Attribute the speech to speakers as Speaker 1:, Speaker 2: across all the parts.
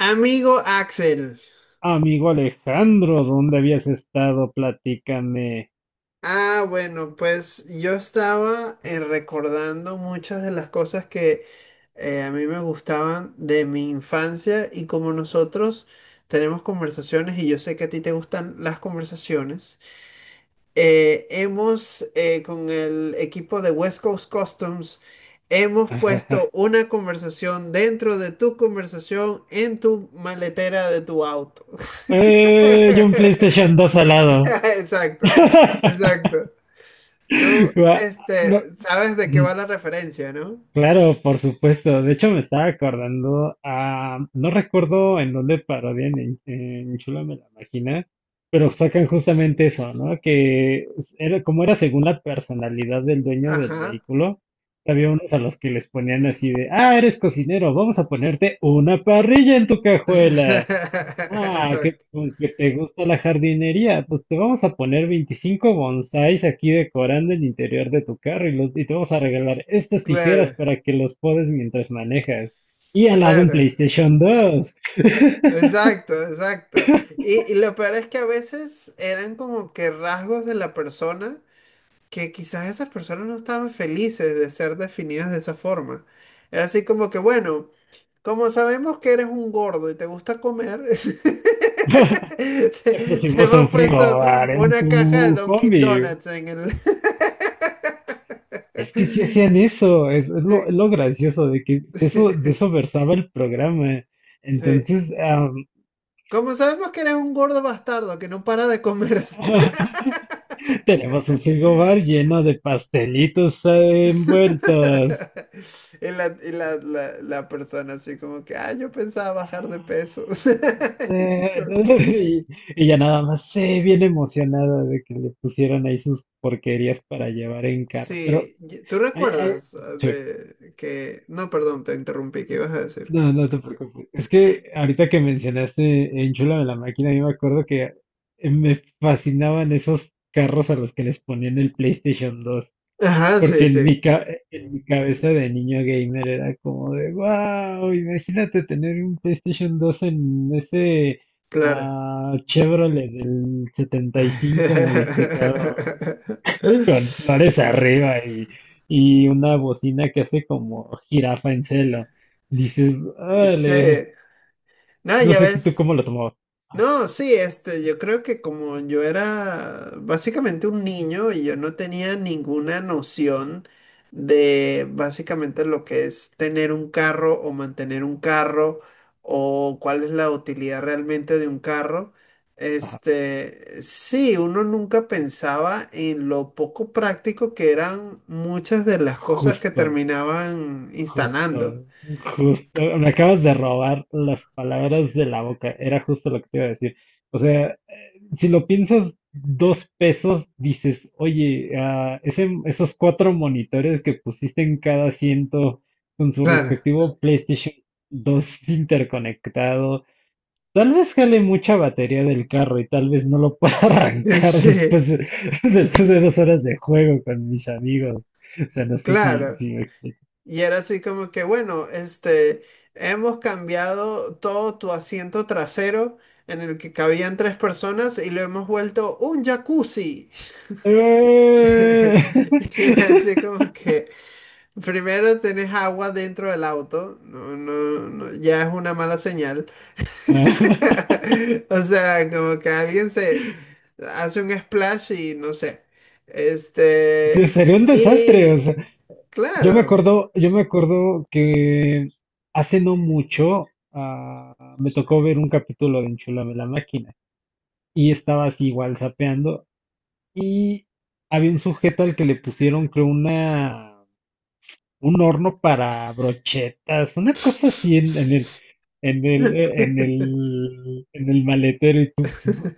Speaker 1: Amigo Axel,
Speaker 2: Amigo Alejandro, ¿dónde habías estado? Platícame.
Speaker 1: ah, bueno, pues yo estaba recordando muchas de las cosas que a mí me gustaban de mi infancia y como nosotros tenemos conversaciones y yo sé que a ti te gustan las conversaciones, hemos con el equipo de West Coast Customs, hemos puesto una conversación dentro de tu conversación en tu maletera de tu auto.
Speaker 2: Y un PlayStation 2 al lado.
Speaker 1: Exacto, exacto. Tú,
Speaker 2: Gua- no.
Speaker 1: este, sabes de qué va la referencia, ¿no?
Speaker 2: Claro, por supuesto. De hecho, me estaba acordando, no recuerdo en dónde parodian en Chúlame la Máquina, pero sacan justamente eso, ¿no? Como era según la personalidad del dueño del
Speaker 1: Ajá.
Speaker 2: vehículo, había unos a los que les ponían así de, eres cocinero, vamos a ponerte una parrilla en tu cajuela. Ah, que
Speaker 1: Exacto.
Speaker 2: con que te gusta la jardinería, pues te vamos a poner 25 bonsáis aquí decorando el interior de tu carro y te vamos a regalar estas tijeras
Speaker 1: Claro,
Speaker 2: para que los podes mientras manejas. Y al lado un
Speaker 1: claro.
Speaker 2: PlayStation 2.
Speaker 1: Exacto, exacto. Y lo peor es que a veces eran como que rasgos de la persona que quizás esas personas no estaban felices de ser definidas de esa forma. Era así como que, bueno, como sabemos que eres un gordo y te gusta comer,
Speaker 2: Te
Speaker 1: te
Speaker 2: pusimos un
Speaker 1: hemos puesto
Speaker 2: frigobar en
Speaker 1: una
Speaker 2: tu
Speaker 1: caja de Dunkin'
Speaker 2: combi.
Speaker 1: Donuts en el...
Speaker 2: Es que sí hacían eso, es lo
Speaker 1: Sí.
Speaker 2: gracioso de que de eso versaba el programa.
Speaker 1: Sí.
Speaker 2: Entonces,
Speaker 1: Como sabemos que eres un gordo bastardo que no para de comer.
Speaker 2: Tenemos un frigobar lleno de pastelitos envueltos.
Speaker 1: Y la persona así como que, ah, yo pensaba bajar de peso.
Speaker 2: Sí,
Speaker 1: Como que-
Speaker 2: Y ya nada más, sí, bien emocionada de que le pusieran ahí sus porquerías para llevar en carro. Pero,
Speaker 1: Sí, ¿tú
Speaker 2: ay, ay,
Speaker 1: recuerdas
Speaker 2: sí,
Speaker 1: de que... No, perdón, te interrumpí, ¿qué ibas a decir?
Speaker 2: no, no te preocupes. Es que ahorita que mencionaste Enchúlame la máquina, yo me acuerdo que me fascinaban esos carros a los que les ponían el PlayStation 2.
Speaker 1: Ajá,
Speaker 2: Porque
Speaker 1: sí, sí,
Speaker 2: en mi cabeza de niño gamer era como de, wow, imagínate tener un PlayStation 2 en ese
Speaker 1: claro.
Speaker 2: Chevrolet del 75 modificado con flores arriba y una bocina que hace como jirafa en celo. Dices,
Speaker 1: Sí.
Speaker 2: órale,
Speaker 1: No,
Speaker 2: no
Speaker 1: ya
Speaker 2: sé tú
Speaker 1: ves.
Speaker 2: cómo lo tomabas. Ah,
Speaker 1: No, Sí, este, yo creo que como yo era básicamente un niño y yo no tenía ninguna noción de básicamente lo que es tener un carro o mantener un carro o cuál es la utilidad realmente de un carro,
Speaker 2: ajá,
Speaker 1: este, sí, uno nunca pensaba en lo poco práctico que eran muchas de las cosas que
Speaker 2: justo.
Speaker 1: terminaban
Speaker 2: Justo,
Speaker 1: instalando.
Speaker 2: justo, me acabas de robar las palabras de la boca, era justo lo que te iba a decir. O sea, si lo piensas dos pesos, dices, oye, esos cuatro monitores que pusiste en cada asiento con su
Speaker 1: Claro.
Speaker 2: respectivo PlayStation 2 interconectado, tal vez jale mucha batería del carro y tal vez no lo pueda arrancar
Speaker 1: Sí,
Speaker 2: después de 2 horas de juego con mis amigos. O sea, no sé si,
Speaker 1: claro.
Speaker 2: si me explico.
Speaker 1: Y era así como que, bueno, este, hemos cambiado todo tu asiento trasero en el que cabían tres personas y lo hemos vuelto un jacuzzi.
Speaker 2: Eh,
Speaker 1: Y así como que primero tenés agua dentro del auto, no, no, no, ya es una mala señal. O sea, como que alguien se hace un splash y no sé. Este,
Speaker 2: Sería un desastre, o sea,
Speaker 1: y
Speaker 2: yo me
Speaker 1: claro.
Speaker 2: acuerdo, yo me acuerdo que hace no mucho me tocó ver un capítulo de Enchúlame la máquina y estaba así igual zapeando y había un sujeto al que le pusieron creo una un horno para brochetas, una cosa así en el, en el, en el, en el maletero. Y tú,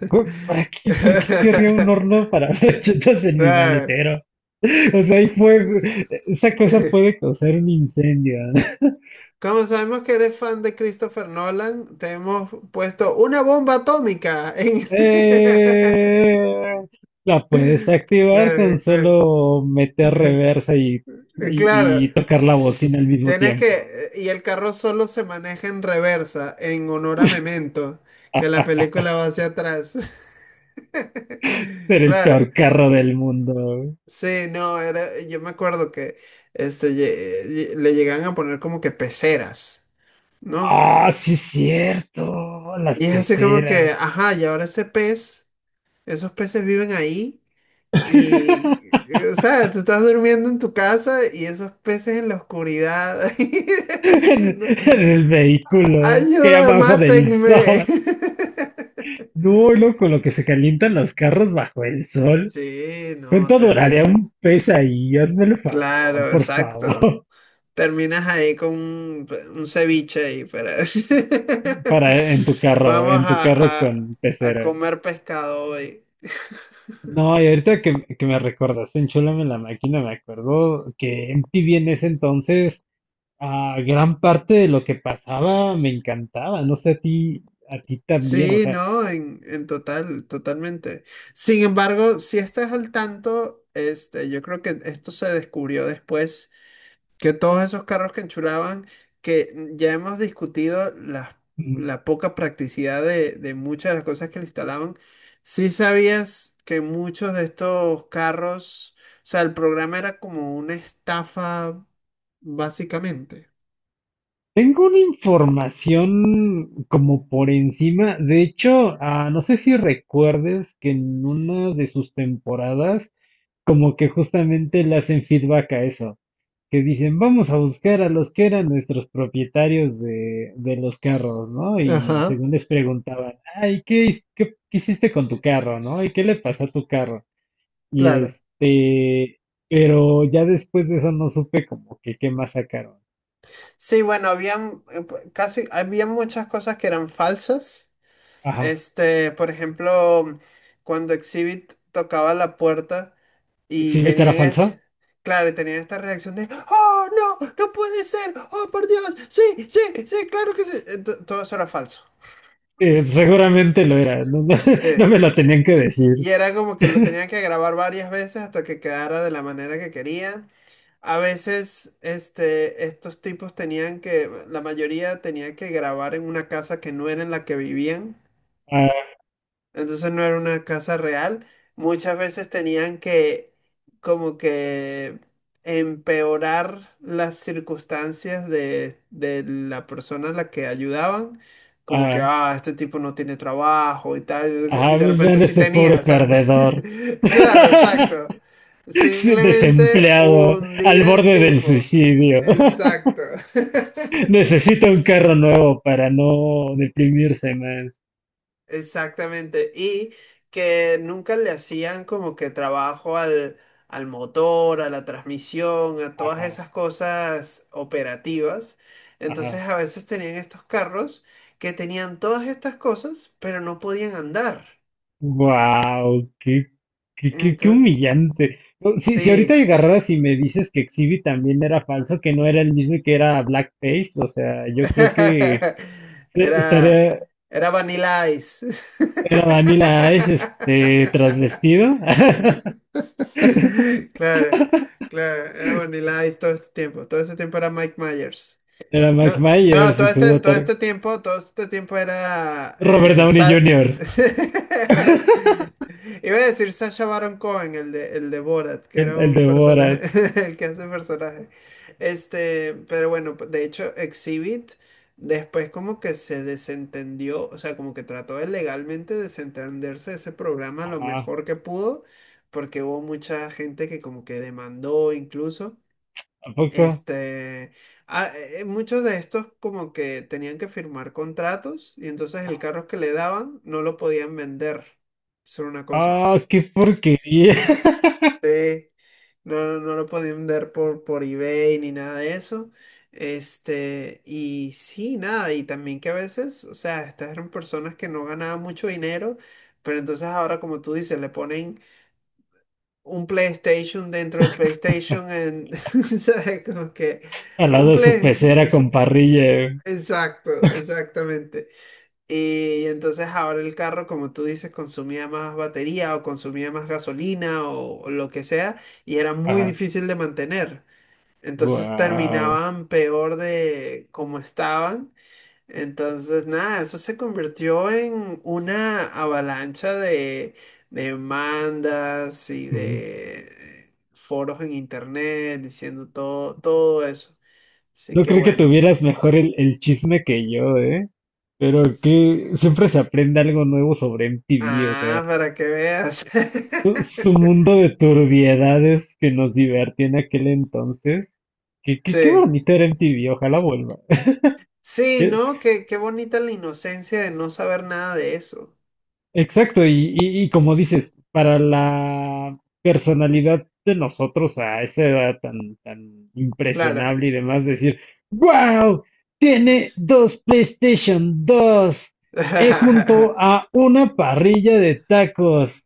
Speaker 2: "¿para qué? ¿Por qué querría un horno para brochetas en mi
Speaker 1: Claro.
Speaker 2: maletero?" O sea, hay fuego. Esa cosa puede causar un incendio.
Speaker 1: Como sabemos que eres fan de Christopher Nolan, te hemos puesto una bomba atómica en...
Speaker 2: Eh, la puedes activar con
Speaker 1: Claro, claro.
Speaker 2: solo meter reversa y, y,
Speaker 1: Claro,
Speaker 2: y tocar la bocina al mismo
Speaker 1: tienes
Speaker 2: tiempo,
Speaker 1: que...
Speaker 2: ¿no?
Speaker 1: Y el carro solo se maneja en reversa, en honor a Memento, que la película va hacia atrás.
Speaker 2: Ser el
Speaker 1: Claro.
Speaker 2: peor carro del mundo.
Speaker 1: Sí, no, era, yo me acuerdo que este, le llegan a poner como que peceras, ¿no?
Speaker 2: Ah, sí es cierto, las
Speaker 1: Y es así como que,
Speaker 2: peceras.
Speaker 1: ajá, y ahora ese pez, esos peces viven ahí y, o sea, tú estás durmiendo en tu casa y esos peces en la oscuridad
Speaker 2: En,
Speaker 1: diciendo,
Speaker 2: en el vehículo que
Speaker 1: ayuda,
Speaker 2: abajo del
Speaker 1: mátenme.
Speaker 2: sol. No, no, con lo que se calientan los carros bajo el sol.
Speaker 1: Sí, no,
Speaker 2: ¿Cuánto duraría un pez ahí? Hazme el favor,
Speaker 1: Claro,
Speaker 2: por
Speaker 1: exacto.
Speaker 2: favor.
Speaker 1: Terminas ahí con un ceviche ahí, pero
Speaker 2: Para
Speaker 1: vamos
Speaker 2: en tu carro con
Speaker 1: a
Speaker 2: pecera.
Speaker 1: comer pescado hoy.
Speaker 2: No, y ahorita que, me recordaste en Chólame la Máquina, me acuerdo que MTV en ese entonces. Ah, gran parte de lo que pasaba me encantaba, no sé a ti también, o
Speaker 1: Sí,
Speaker 2: sea,
Speaker 1: no, en total, totalmente. Sin embargo, si estás al tanto, este, yo creo que esto se descubrió después. Que todos esos carros que enchulaban, que ya hemos discutido la,
Speaker 2: mm,
Speaker 1: la poca practicidad de muchas de las cosas que le instalaban, sí sabías que muchos de estos carros, o sea, el programa era como una estafa, básicamente.
Speaker 2: tengo una información como por encima, de hecho, no sé si recuerdes que en una de sus temporadas, como que justamente le hacen feedback a eso, que dicen, vamos a buscar a los que eran nuestros propietarios de los carros, ¿no? Y
Speaker 1: Ajá,
Speaker 2: según les preguntaban, ay, ¿qué hiciste con tu carro, ¿no? ¿Y qué le pasó a tu carro? Y
Speaker 1: claro.
Speaker 2: este, pero ya después de eso no supe como que qué más sacaron.
Speaker 1: Sí, bueno, habían casi, había muchas cosas que eran falsas.
Speaker 2: Ajá.
Speaker 1: Este, por ejemplo, cuando Exhibit tocaba la puerta. Y
Speaker 2: ¿Sí era
Speaker 1: tenían,
Speaker 2: falsa?
Speaker 1: claro, y tenían esta reacción de, ¡Oh, no! ¡No puede ser! ¡Oh, por Dios! ¡Sí, sí, sí! ¡Claro que sí! Todo eso era falso.
Speaker 2: Seguramente lo era, no
Speaker 1: De-
Speaker 2: me lo tenían que decir.
Speaker 1: y era como que lo tenían que grabar varias veces hasta que quedara de la manera que querían. A veces, este, estos tipos tenían que, la mayoría tenía que grabar en una casa que no era en la que vivían.
Speaker 2: Ah,
Speaker 1: Entonces no era una casa real. Muchas veces tenían que como que empeorar las circunstancias de la persona a la que ayudaban. Como que,
Speaker 2: ah,
Speaker 1: ah, este tipo no tiene trabajo y tal. Y
Speaker 2: ajá,
Speaker 1: de repente
Speaker 2: vean
Speaker 1: sí
Speaker 2: este pobre
Speaker 1: tenía, ¿sabes?
Speaker 2: perdedor.
Speaker 1: Claro, exacto.
Speaker 2: Sí,
Speaker 1: Simplemente
Speaker 2: desempleado, al
Speaker 1: hundir al
Speaker 2: borde del
Speaker 1: tipo.
Speaker 2: suicidio.
Speaker 1: Exacto.
Speaker 2: Necesita un carro nuevo para no deprimirse más.
Speaker 1: Exactamente. Y que nunca le hacían como que trabajo al motor, a la transmisión, a todas
Speaker 2: Ajá,
Speaker 1: esas cosas operativas. Entonces
Speaker 2: ajá.
Speaker 1: a veces tenían estos carros que tenían todas estas cosas, pero no podían andar.
Speaker 2: Wow, qué
Speaker 1: Entonces,
Speaker 2: humillante. No, si, ahorita
Speaker 1: sí.
Speaker 2: agarraras y me dices que Exhibit también era falso, que no era el mismo y que era blackface, o sea, yo creo que
Speaker 1: Era,
Speaker 2: estaría,
Speaker 1: era Vanilla Ice.
Speaker 2: era Vanilla Ice, este, transvestido.
Speaker 1: Claro, claro, era Vanilla Ice todo este tiempo. Todo este tiempo era Mike Myers.
Speaker 2: Era Mike
Speaker 1: No, no,
Speaker 2: Myers
Speaker 1: todo
Speaker 2: en su
Speaker 1: este, todo
Speaker 2: motor.
Speaker 1: este tiempo, todo este tiempo era
Speaker 2: Robert Downey
Speaker 1: Sa-
Speaker 2: Jr.,
Speaker 1: Iba a decir Sacha Baron Cohen, el de, Borat, que
Speaker 2: el,
Speaker 1: era
Speaker 2: el
Speaker 1: un
Speaker 2: de
Speaker 1: personaje,
Speaker 2: Borat.
Speaker 1: el que hace personaje. Este, pero bueno, de hecho, Exhibit después como que se desentendió, o sea, como que trató de legalmente desentenderse de ese programa lo
Speaker 2: Ah,
Speaker 1: mejor que pudo, porque hubo mucha gente que como que demandó incluso.
Speaker 2: ¿a poco?
Speaker 1: Este, muchos de estos como que tenían que firmar contratos y entonces el carro que le daban no lo podían vender. Eso era una cosa.
Speaker 2: Ah, qué porquería.
Speaker 1: No, no, no lo podían vender por eBay ni nada de eso. Este, y sí, nada, y también que a veces, o sea, estas eran personas que no ganaban mucho dinero, pero entonces ahora, como tú dices, le ponen un PlayStation dentro del PlayStation en, ¿sabes? Como que
Speaker 2: Al
Speaker 1: un
Speaker 2: lado de su
Speaker 1: play.
Speaker 2: pecera con parrilla.
Speaker 1: Exacto, exactamente. Y entonces ahora el carro, como tú dices, consumía más batería o consumía más gasolina o lo que sea, y era muy difícil de mantener. Entonces
Speaker 2: Wow.
Speaker 1: terminaban peor de como estaban. Entonces, nada, eso se convirtió en una avalancha de demandas y de foros en internet diciendo todo, todo eso. Así
Speaker 2: No
Speaker 1: que
Speaker 2: creo que
Speaker 1: bueno.
Speaker 2: tuvieras mejor el chisme que yo, ¿eh? Pero que siempre se aprende algo nuevo sobre MTV, o
Speaker 1: Ah,
Speaker 2: sea,
Speaker 1: para que veas.
Speaker 2: su mundo de turbiedades que nos divertía en aquel entonces. Qué
Speaker 1: Sí,
Speaker 2: bonito era MTV, ojalá vuelva.
Speaker 1: sí, ¿no? Qué, qué bonita la inocencia de no saber nada de eso.
Speaker 2: Exacto, y como dices, para la personalidad de nosotros a esa edad tan, tan
Speaker 1: Claro.
Speaker 2: impresionable y demás, decir, wow, tiene dos PlayStation 2 junto a una parrilla de tacos.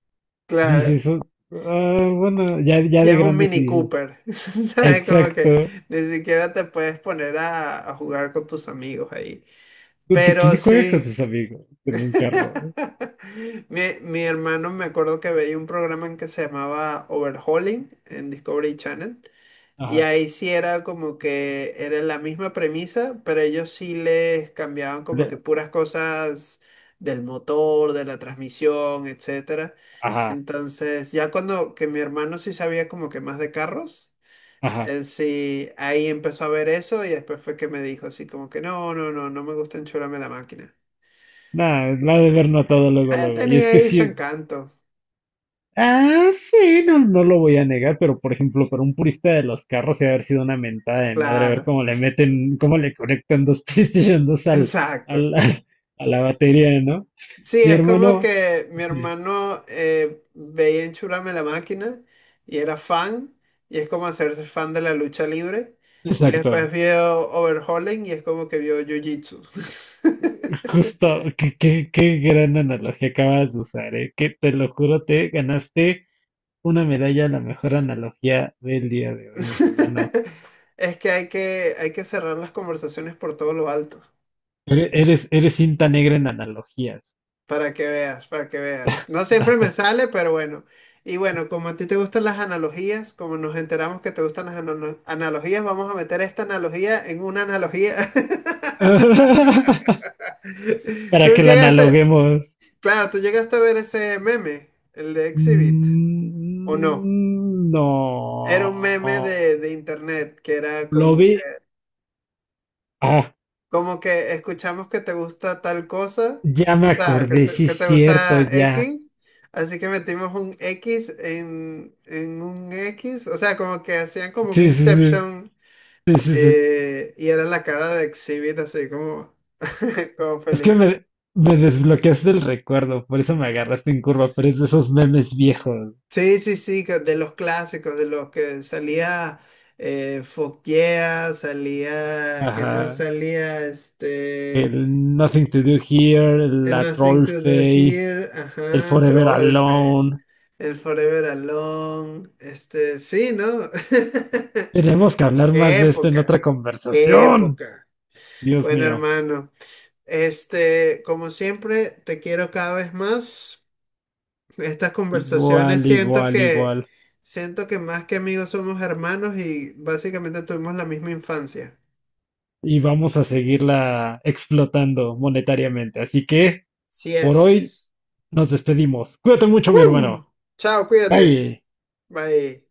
Speaker 1: Claro.
Speaker 2: Dices, "Oh, bueno, ya, ya
Speaker 1: Y
Speaker 2: de
Speaker 1: es un
Speaker 2: grandes y
Speaker 1: Mini
Speaker 2: dices,
Speaker 1: Cooper. ¿Sabes? Como que
Speaker 2: exacto,
Speaker 1: ni siquiera te puedes poner a jugar con tus amigos ahí. Pero
Speaker 2: ¿quién juega con
Speaker 1: sí.
Speaker 2: sus amigos en un carro? ¿No?
Speaker 1: Mi hermano me acuerdo que veía un programa en que se llamaba Overhauling en Discovery Channel. Y
Speaker 2: Ajá,
Speaker 1: ahí sí era como que era la misma premisa, pero ellos sí les cambiaban como que
Speaker 2: le-
Speaker 1: puras cosas del motor, de la transmisión, etcétera.
Speaker 2: ajá,
Speaker 1: Entonces, ya cuando que mi hermano sí sabía como que más de carros,
Speaker 2: ajá.
Speaker 1: él sí ahí empezó a ver eso y después fue que me dijo así como que no, no, no, no me gusta enchularme la máquina.
Speaker 2: Nada, la ha de ver notado luego,
Speaker 1: Eh,
Speaker 2: luego. Y
Speaker 1: tenía
Speaker 2: es que
Speaker 1: ahí su
Speaker 2: sí,
Speaker 1: encanto.
Speaker 2: ah, sí, no, no lo voy a negar, pero por ejemplo, para un purista de los carros, se haber sido una mentada de madre ver
Speaker 1: Claro,
Speaker 2: cómo le meten, cómo le conectan dos PlayStation dos
Speaker 1: exacto.
Speaker 2: al, al- a la batería, ¿no?
Speaker 1: Sí,
Speaker 2: Mi
Speaker 1: es como
Speaker 2: hermano,
Speaker 1: que mi
Speaker 2: sí,
Speaker 1: hermano veía en Chulame la Máquina y era fan, y es como hacerse fan de la lucha libre. Y después
Speaker 2: exacto,
Speaker 1: vio Overhauling y es como que vio Jiu-Jitsu.
Speaker 2: justo, qué gran analogía acabas de usar, ¿eh? Que te lo juro, te ganaste una medalla a la mejor analogía del día de hoy, mi hermano.
Speaker 1: Es que hay que, cerrar las conversaciones por todo lo alto,
Speaker 2: Eres cinta negra en analogías.
Speaker 1: para que veas, para que veas. No siempre me sale, pero bueno. Y bueno, como a ti te gustan las analogías, como nos enteramos que te gustan las analogías, vamos a meter esta analogía en una analogía.
Speaker 2: Para
Speaker 1: Tú
Speaker 2: que la
Speaker 1: llegaste,
Speaker 2: analoguemos.
Speaker 1: claro, tú llegaste a ver ese meme, el de Exhibit, ¿o no?
Speaker 2: Mm,
Speaker 1: Era un meme de,
Speaker 2: no.
Speaker 1: de internet que era
Speaker 2: Lo
Speaker 1: como
Speaker 2: vi.
Speaker 1: que,
Speaker 2: Ah,
Speaker 1: como que escuchamos que te gusta tal cosa,
Speaker 2: ya me
Speaker 1: o sea, que
Speaker 2: acordé,
Speaker 1: te,
Speaker 2: sí es
Speaker 1: que te
Speaker 2: cierto,
Speaker 1: gusta
Speaker 2: ya.
Speaker 1: X, así que metimos un X en un X, o sea, como que hacían como un
Speaker 2: Sí, sí, sí.
Speaker 1: Inception
Speaker 2: Sí, sí, sí.
Speaker 1: y era la cara de Exhibit así como, como
Speaker 2: Es que
Speaker 1: feliz.
Speaker 2: me desbloqueaste el recuerdo, por eso me agarraste en curva, pero es de esos memes viejos.
Speaker 1: Sí, sí, sí, de los clásicos, de los que salía Foggia, salía, ¿qué más
Speaker 2: Ajá.
Speaker 1: salía? Este,
Speaker 2: El Nothing to Do Here,
Speaker 1: And
Speaker 2: la
Speaker 1: Nothing
Speaker 2: Troll
Speaker 1: to Do
Speaker 2: Face,
Speaker 1: Here,
Speaker 2: el
Speaker 1: ajá,
Speaker 2: Forever
Speaker 1: Trollface,
Speaker 2: Alone.
Speaker 1: El Forever Alone, este, sí, ¿no?
Speaker 2: Tenemos que hablar más
Speaker 1: Qué
Speaker 2: de esto en otra
Speaker 1: época, qué
Speaker 2: conversación.
Speaker 1: época.
Speaker 2: Dios
Speaker 1: Bueno,
Speaker 2: mío.
Speaker 1: hermano, este, como siempre, te quiero cada vez más. Estas conversaciones
Speaker 2: Igual,
Speaker 1: siento
Speaker 2: igual,
Speaker 1: que
Speaker 2: igual.
Speaker 1: siento que más que amigos somos hermanos y básicamente tuvimos la misma infancia.
Speaker 2: Y vamos a seguirla explotando monetariamente. Así que
Speaker 1: Sí
Speaker 2: por hoy
Speaker 1: es.
Speaker 2: nos despedimos. Cuídate mucho, mi hermano.
Speaker 1: ¡Woo! Chao, cuídate.
Speaker 2: Bye.
Speaker 1: Bye.